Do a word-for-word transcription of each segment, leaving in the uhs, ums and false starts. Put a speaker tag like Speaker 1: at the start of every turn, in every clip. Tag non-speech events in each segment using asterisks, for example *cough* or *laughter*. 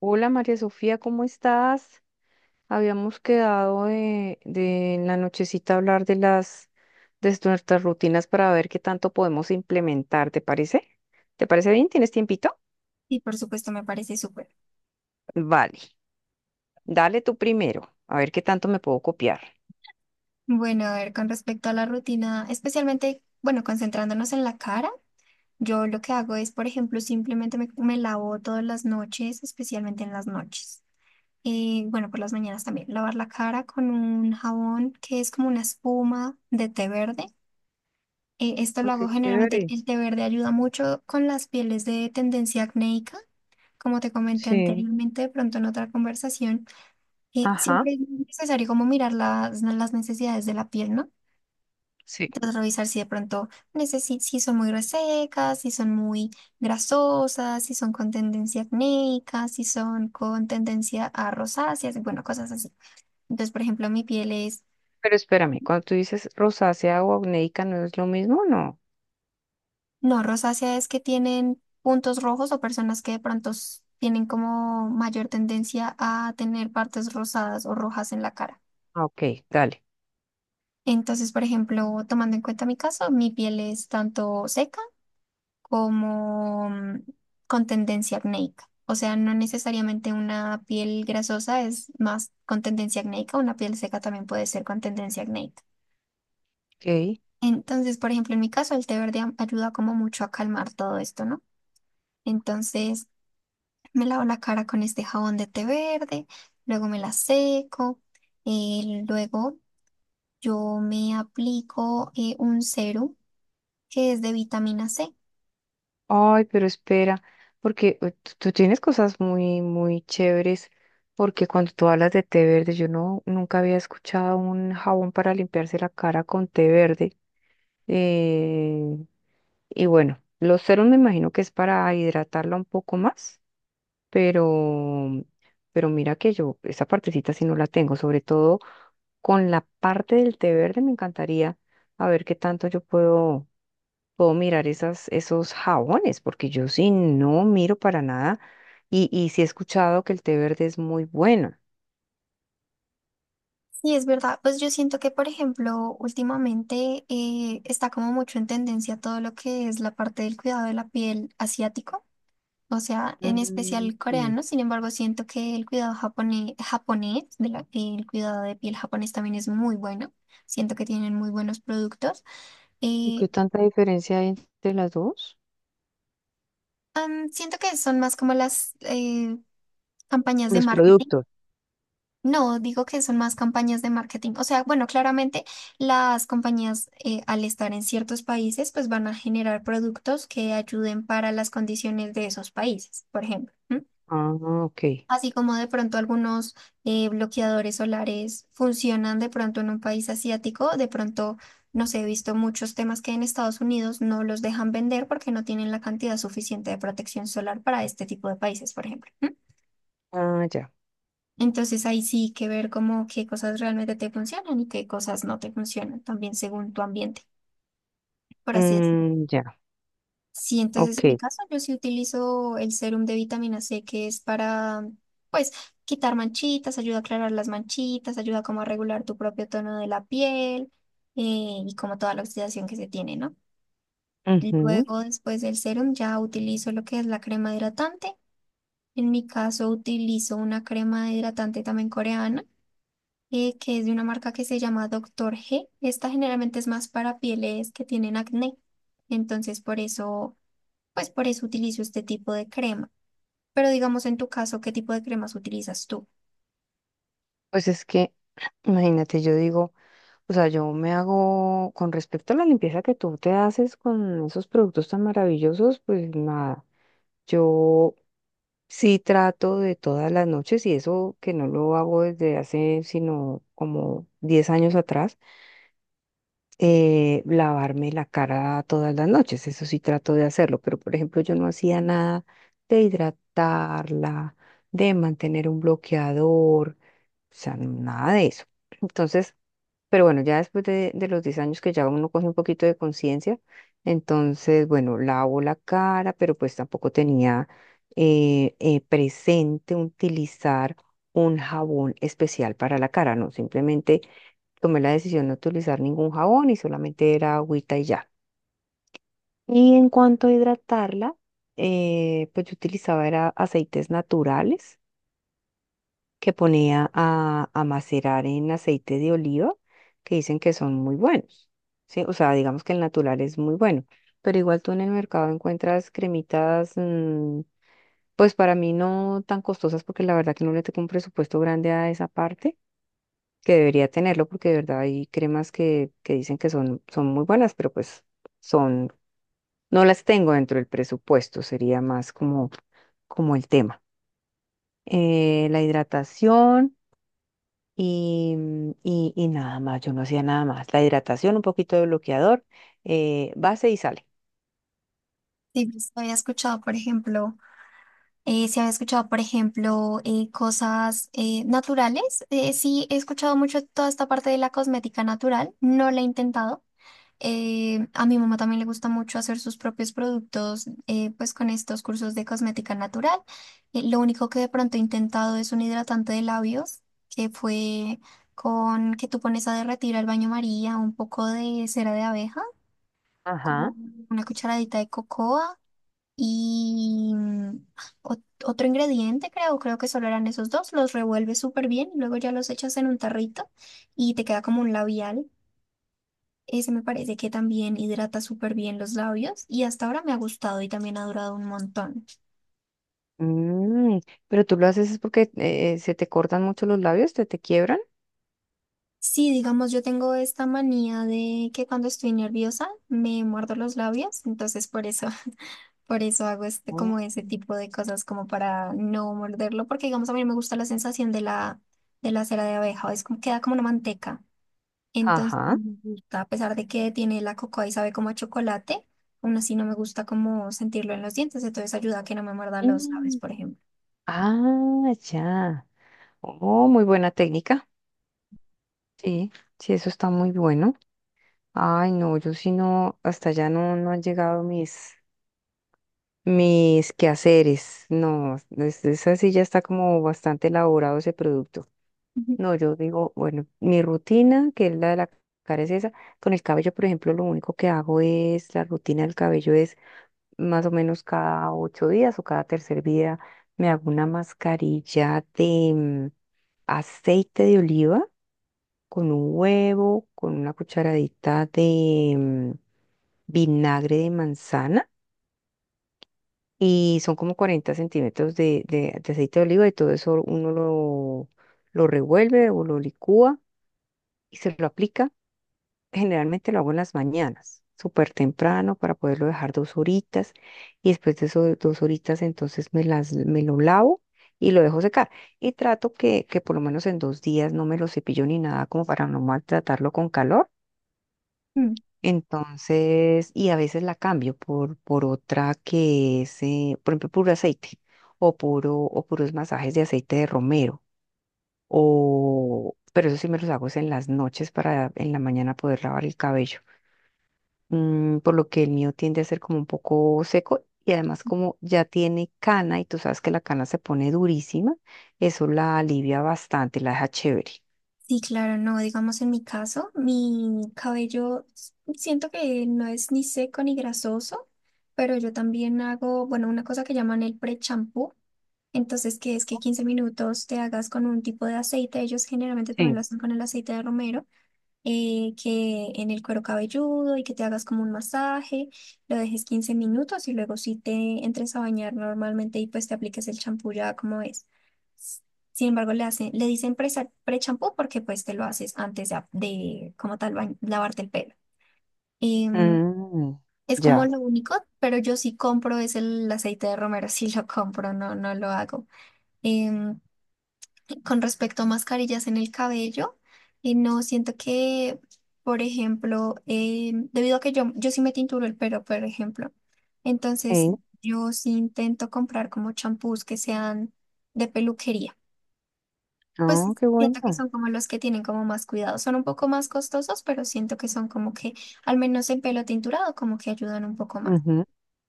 Speaker 1: Hola María Sofía, ¿cómo estás? Habíamos quedado de, de en la nochecita hablar de las de nuestras rutinas para ver qué tanto podemos implementar, ¿te parece? ¿Te parece bien? ¿Tienes tiempito?
Speaker 2: Y por supuesto, me parece súper.
Speaker 1: Vale, dale tú primero, a ver qué tanto me puedo copiar.
Speaker 2: Bueno, a ver, con respecto a la rutina, especialmente, bueno, concentrándonos en la cara, yo lo que hago es, por ejemplo, simplemente me, me lavo todas las noches, especialmente en las noches. Y bueno, por las mañanas también, lavar la cara con un jabón que es como una espuma de té verde. Eh, esto
Speaker 1: Ay,
Speaker 2: lo
Speaker 1: qué
Speaker 2: hago generalmente,
Speaker 1: chévere.
Speaker 2: el té verde ayuda mucho con las pieles de tendencia acnéica, como te comenté
Speaker 1: Sí.
Speaker 2: anteriormente, de pronto en otra conversación. Que
Speaker 1: Ajá,
Speaker 2: siempre es necesario como mirar las, las necesidades de la piel, ¿no?
Speaker 1: sí.
Speaker 2: Entonces revisar si de pronto necesi- si son muy resecas, si son muy grasosas, si son con tendencia acnéica, si son con tendencia a rosáceas, y bueno, cosas así. Entonces, por ejemplo, mi piel es,
Speaker 1: Pero espérame, cuando tú dices rosácea o acnéica, ¿no es lo mismo? No.
Speaker 2: no, rosácea es que tienen puntos rojos o personas que de pronto s- tienen como mayor tendencia a tener partes rosadas o rojas en la cara.
Speaker 1: Ah, ok, dale.
Speaker 2: Entonces, por ejemplo, tomando en cuenta mi caso, mi piel es tanto seca, como mm, con tendencia acnéica. O sea, no necesariamente una piel grasosa es más con tendencia acnéica, una piel seca también puede ser con tendencia acnéica.
Speaker 1: Ok.
Speaker 2: Entonces, por ejemplo, en mi caso, el té verde am- ayuda como mucho a calmar todo esto, ¿no? Entonces, me lavo la cara con este jabón de té verde, luego me la seco, eh, luego yo me aplico eh, un serum que es de vitamina ce.
Speaker 1: Ay, pero espera, porque eh, tú, tú tienes cosas muy, muy chéveres, porque cuando tú hablas de té verde, yo no, nunca había escuchado un jabón para limpiarse la cara con té verde. Eh, y bueno, los ceros me imagino que es para hidratarla un poco más, pero, pero mira que yo esa partecita sí no la tengo, sobre todo con la parte del té verde me encantaría a ver qué tanto yo puedo puedo mirar esas, esos jabones, porque yo sí no miro para nada. Y, y sí he escuchado que el té verde es muy bueno.
Speaker 2: Sí, es verdad. Pues yo siento que, por ejemplo, últimamente eh, está como mucho en tendencia todo lo que es la parte del cuidado de la piel asiático, o sea, en
Speaker 1: Mm,
Speaker 2: especial
Speaker 1: sí.
Speaker 2: coreano. Sin embargo, siento que el cuidado japone- japonés, de la- el cuidado de piel japonés también es muy bueno. Siento que tienen muy buenos productos.
Speaker 1: ¿Y
Speaker 2: Eh,
Speaker 1: qué tanta diferencia hay entre las dos?
Speaker 2: am, siento que son más como las eh, campañas de
Speaker 1: Los
Speaker 2: marketing.
Speaker 1: productos.
Speaker 2: No, digo que son más campañas de marketing. O sea, bueno, claramente las compañías eh, al estar en ciertos países, pues van a generar productos que ayuden para las condiciones de esos países, por ejemplo. ¿M?
Speaker 1: Ah, ok.
Speaker 2: Así como de pronto algunos eh, bloqueadores solares funcionan de pronto en un país asiático, de pronto, no sé, he visto muchos temas que en Estados Unidos no los dejan vender porque no tienen la cantidad suficiente de protección solar para este tipo de países, por ejemplo.
Speaker 1: Ah, ya.
Speaker 2: Entonces ahí sí que ver como qué cosas realmente te funcionan y qué cosas no te funcionan, también según tu ambiente, por así decirlo.
Speaker 1: Mm, ya,
Speaker 2: Sí, entonces en mi
Speaker 1: ok.
Speaker 2: caso yo sí utilizo el serum de vitamina ce que es para, pues, quitar manchitas, ayuda a aclarar las manchitas, ayuda como a regular tu propio tono de la piel eh, y como toda la oxidación que se tiene, ¿no?
Speaker 1: Ujú.
Speaker 2: Luego, después del serum, ya utilizo lo que es la crema hidratante. En mi caso utilizo una crema hidratante también coreana eh, que es de una marca que se llama doctor ge. Esta generalmente es más para pieles que tienen acné. Entonces, por eso, pues por eso utilizo este tipo de crema. Pero digamos en tu caso, ¿qué tipo de cremas utilizas tú?
Speaker 1: Pues es que, imagínate, yo digo, o sea, yo me hago, con respecto a la limpieza que tú te haces con esos productos tan maravillosos, pues nada. Yo sí trato de todas las noches y eso que no lo hago desde hace sino como diez años atrás, eh, lavarme la cara todas las noches, eso sí trato de hacerlo, pero por ejemplo yo no hacía nada de hidratarla, de mantener un bloqueador, o sea, nada de eso. Entonces, pero bueno, ya después de, de los diez años que ya uno coge un poquito de conciencia, entonces, bueno, lavo la cara, pero pues tampoco tenía eh, eh, presente utilizar un jabón especial para la cara, no, simplemente tomé la decisión de no utilizar ningún jabón y solamente era agüita y ya. Y en cuanto a hidratarla, eh, pues yo utilizaba era aceites naturales que ponía a, a macerar en aceite de oliva, que dicen que son muy buenos, ¿sí? O sea, digamos que el natural es muy bueno, pero igual tú en el mercado encuentras cremitas, mm, pues para mí no tan costosas, porque la verdad que no le tengo un presupuesto grande a esa parte, que debería tenerlo, porque de verdad hay cremas que, que dicen que son, son muy buenas, pero pues son, no las tengo dentro del presupuesto, sería más como, como el tema. Eh, la hidratación. Y, mm, y, y nada más, yo no hacía nada más. La hidratación, un poquito de bloqueador, eh, base y sale.
Speaker 2: Sí, pues, había escuchado, por ejemplo, eh, si había escuchado, por ejemplo, eh, cosas eh, naturales. Eh, sí, he escuchado mucho toda esta parte de la cosmética natural. No la he intentado. Eh, a mi mamá también le gusta mucho hacer sus propios productos, eh, pues con estos cursos de cosmética natural. Eh, lo único que de pronto he intentado es un hidratante de labios, que fue con que tú pones a derretir al baño María un poco de cera de abeja,
Speaker 1: Ajá.
Speaker 2: con una cucharadita de cocoa y mm, ot- otro ingrediente, creo, creo que solo eran esos dos. Los revuelves súper bien y luego ya los echas en un tarrito y te queda como un labial. Ese me parece que también hidrata súper bien los labios y hasta ahora me ha gustado y también ha durado un montón.
Speaker 1: Mm, pero tú lo haces es porque eh, se te cortan mucho los labios, te, te quiebran.
Speaker 2: Sí, digamos, yo tengo esta manía de que cuando estoy nerviosa me muerdo los labios, entonces por eso, *laughs* por eso hago este,
Speaker 1: Mm.
Speaker 2: como ese tipo de cosas como para no morderlo, porque digamos a mí no me gusta la sensación de la, de la cera de abeja, es como queda como una manteca. Entonces,
Speaker 1: Ajá.
Speaker 2: no me gusta, a pesar de que tiene la cocoa y sabe como a chocolate, aún así no me gusta como sentirlo en los dientes, entonces ayuda a que no me muerda los labios,
Speaker 1: Mm.
Speaker 2: por ejemplo.
Speaker 1: Ah, ya. Oh, muy buena técnica. Sí, sí, eso está muy bueno. Ay, no, yo sí no, hasta allá no, no han llegado mis, mis quehaceres. No, es- esa sí ya está como bastante elaborado ese producto.
Speaker 2: Ujú.
Speaker 1: No, yo digo, bueno, mi rutina, que es la de la cara, es esa. Con el cabello, por ejemplo, lo único que hago es, la rutina del cabello es más o menos cada ocho días o cada tercer día me hago una mascarilla de mm, aceite de oliva con un huevo, con una cucharadita de mm, vinagre de manzana y son como cuarenta centímetros de, de- de aceite de oliva y todo eso uno lo, lo revuelve o lo licúa y se lo aplica. Generalmente lo hago en las mañanas, súper temprano, para poderlo dejar dos horitas. Y después de esas dos horitas, entonces me las, me lo lavo y lo dejo secar. Y trato que, que por lo menos en dos días no me lo cepillo ni nada, como para no maltratarlo con calor.
Speaker 2: Mm.
Speaker 1: Entonces, y a veces la cambio por, por otra que es, eh, por ejemplo, puro aceite o, puro, o puros masajes de aceite de romero. O, pero eso sí me los hago es en las noches para en la mañana poder lavar el cabello, mm, por lo que el mío tiende a ser como un poco seco y además como ya tiene cana y tú sabes que la cana se pone durísima, eso la alivia bastante, la deja chévere.
Speaker 2: Sí, claro, no, digamos en mi caso, mi cabello s- siento que no es ni seco ni grasoso, pero yo también hago, bueno, una cosa que llaman el pre-champú, entonces que es que quince minutos te hagas con un tipo de aceite, ellos generalmente también
Speaker 1: Sí.
Speaker 2: lo hacen con el aceite de romero, eh, que en el cuero cabelludo y que te hagas como un masaje, lo dejes quince minutos y luego si te entres a bañar normalmente y pues te apliques el champú ya como es. S- Sin embargo, le hacen, le dicen presa- pre-champú porque pues te lo haces antes de, de como tal bañ- lavarte el pelo. Em,
Speaker 1: Mm.
Speaker 2: es como
Speaker 1: Ya.
Speaker 2: lo único, pero yo sí compro es el aceite de romero, *laughs* sí lo compro, no, no lo hago. Em, con respecto a mascarillas en el cabello, eh, no siento que, por ejemplo, eh, debido a que yo, yo sí me tinturo el pelo, por ejemplo, entonces
Speaker 1: Eh,
Speaker 2: yo sí intento comprar como champús que sean de peluquería. Pues
Speaker 1: No, qué
Speaker 2: siento que
Speaker 1: bueno.
Speaker 2: son como los que tienen como más cuidado. Son un poco más costosos, pero siento que son como que, al menos en pelo tinturado, como que ayudan un poco más.
Speaker 1: Ujú.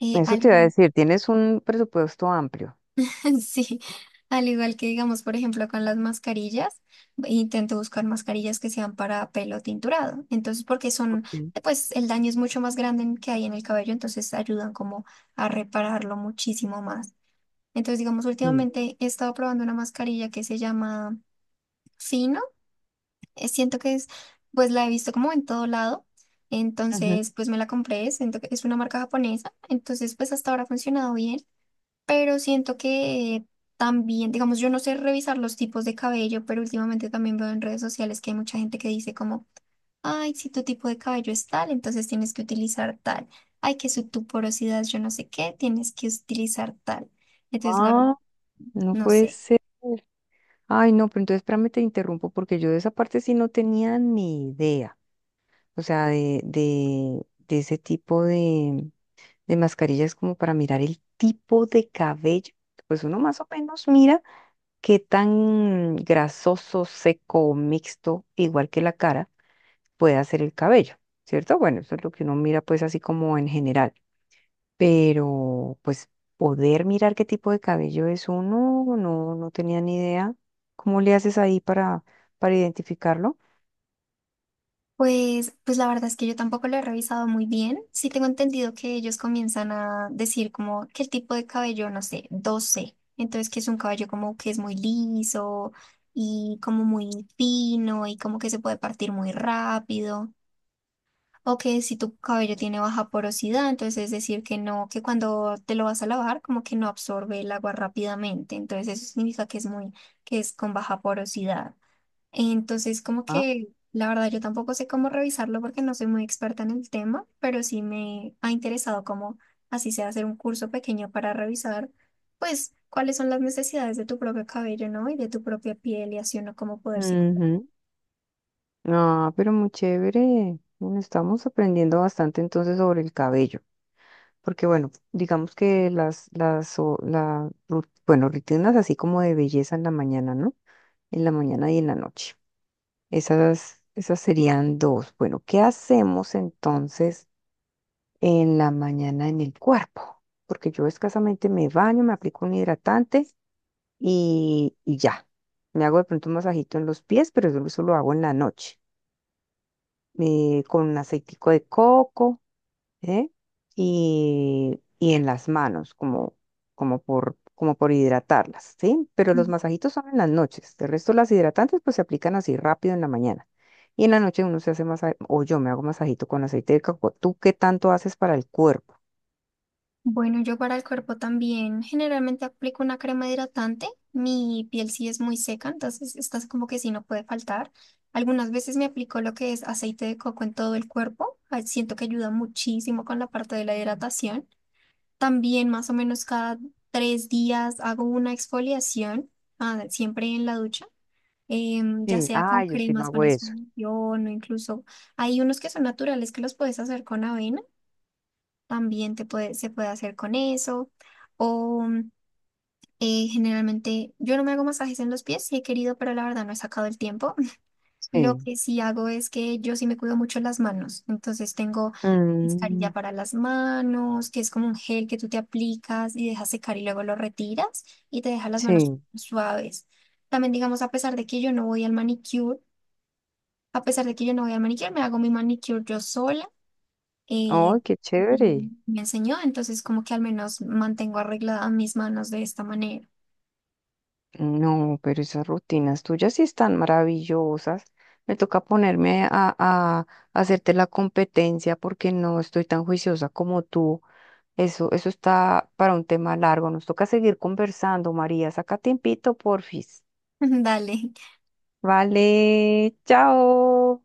Speaker 2: Eh,
Speaker 1: Eso
Speaker 2: al
Speaker 1: te iba a
Speaker 2: igual
Speaker 1: decir, tienes un presupuesto amplio.
Speaker 2: *laughs* sí, al igual que digamos, por ejemplo, con las mascarillas, intento buscar mascarillas que sean para pelo tinturado. Entonces, porque son,
Speaker 1: Ok,
Speaker 2: pues el daño es mucho más grande en- que hay en el cabello, entonces ayudan como a repararlo muchísimo más. Entonces, digamos,
Speaker 1: sí.
Speaker 2: últimamente he estado probando una mascarilla que se llama Fino. eh, Siento que es, pues la he visto como en todo lado.
Speaker 1: Ujú.
Speaker 2: Entonces, pues me la compré, siento que es una marca japonesa. Entonces, pues hasta ahora ha funcionado bien, pero siento que también, digamos, yo no sé revisar los tipos de cabello, pero últimamente también veo en redes sociales que hay mucha gente que dice como, ay, si tu tipo de cabello es tal, entonces tienes que utilizar tal. Ay, que su tu porosidad, yo no sé qué, tienes que utilizar tal. Entonces, la verdad,
Speaker 1: Ah, no
Speaker 2: no
Speaker 1: puede
Speaker 2: sé.
Speaker 1: ser. Ay, no, pero entonces espérame, te interrumpo porque yo de esa parte sí no tenía ni idea. O sea, de, de, de ese tipo de, de mascarillas como para mirar el tipo de cabello. Pues uno más o menos mira qué tan grasoso, seco o mixto, igual que la cara, puede ser el cabello, ¿cierto? Bueno, eso es lo que uno mira pues así como en general. Pero pues poder mirar qué tipo de cabello es uno, no, no tenía ni idea. ¿Cómo le haces ahí para, para identificarlo?
Speaker 2: Pues, pues la verdad es que yo tampoco lo he revisado muy bien. Sí tengo entendido que ellos comienzan a decir como que el tipo de cabello, no sé, doce. Entonces que es un cabello como que es muy liso y como muy fino y como que se puede partir muy rápido. O que si tu cabello tiene baja porosidad, entonces es decir que no, que cuando te lo vas a lavar como que no absorbe el agua rápidamente. Entonces eso significa que es muy, que es con baja porosidad. Entonces, como
Speaker 1: Ah,
Speaker 2: que la verdad yo tampoco sé cómo revisarlo porque no soy muy experta en el tema, pero sí me ha interesado como así sea hacer un curso pequeño para revisar, pues, cuáles son las necesidades de tu propio cabello, ¿no? Y de tu propia piel y así uno cómo poderse cuidar.
Speaker 1: ujú. Ah, pero muy chévere. Bueno, estamos aprendiendo bastante entonces sobre el cabello. Porque bueno, digamos que las, las, o- la, ru- bueno, rutinas así como de belleza en la mañana, ¿no? En la mañana y en la noche. Esas, esas serían dos. Bueno, ¿qué hacemos entonces en la mañana en el cuerpo? Porque yo escasamente me baño, me aplico un hidratante y, y ya. Me hago de pronto un masajito en los pies, pero eso, eso lo hago en la noche. Eh, con un aceitico de coco, ¿eh? Y, y en las manos, como, como por, como por hidratarlas, ¿sí? Pero los masajitos son en las noches. De resto, las hidratantes pues se aplican así rápido en la mañana. Y en la noche uno se hace masaje, o yo me hago masajito con aceite de coco. ¿Tú qué tanto haces para el cuerpo?
Speaker 2: Bueno, yo para el cuerpo también generalmente aplico una crema hidratante. Mi piel sí es muy seca, entonces estas como que sí no puede faltar. Algunas veces me aplico lo que es aceite de coco en todo el cuerpo. ah, Siento que ayuda muchísimo con la parte de la hidratación. También más o menos cada tres días hago una exfoliación, ah, siempre en la ducha. Em, ya
Speaker 1: Sí.
Speaker 2: sea con
Speaker 1: Ah, yo sí no
Speaker 2: cremas, con
Speaker 1: hago eso.
Speaker 2: exfoliación o incluso hay unos que son naturales que los puedes hacer con avena, también te puede, se puede hacer con eso. O mm, eh, generalmente yo no me hago masajes en los pies, sí he querido, pero la verdad no he sacado el tiempo. *laughs* Lo
Speaker 1: Sí.
Speaker 2: que sí hago es que yo sí me cuido mucho las manos. Entonces tengo mascarilla
Speaker 1: Mm,
Speaker 2: para las manos, que es como un gel que tú te aplicas y dejas secar y luego lo retiras y te deja las manos
Speaker 1: sí.
Speaker 2: suaves. También digamos, a pesar de que yo no voy al manicure, a pesar de que yo no voy al manicure, me hago mi manicure yo sola eh,
Speaker 1: ¡Ay, qué
Speaker 2: Ujú.
Speaker 1: chévere!
Speaker 2: Me enseñó, entonces como que al menos mantengo arregladas mis manos de esta manera.
Speaker 1: No, pero esas rutinas tuyas sí están maravillosas. Me toca ponerme a, a hacerte la competencia porque no estoy tan juiciosa como tú. Eso, eso está para un tema largo. Nos toca seguir conversando, María. Saca tiempito, porfis.
Speaker 2: *laughs* Dale.
Speaker 1: Vale, chao.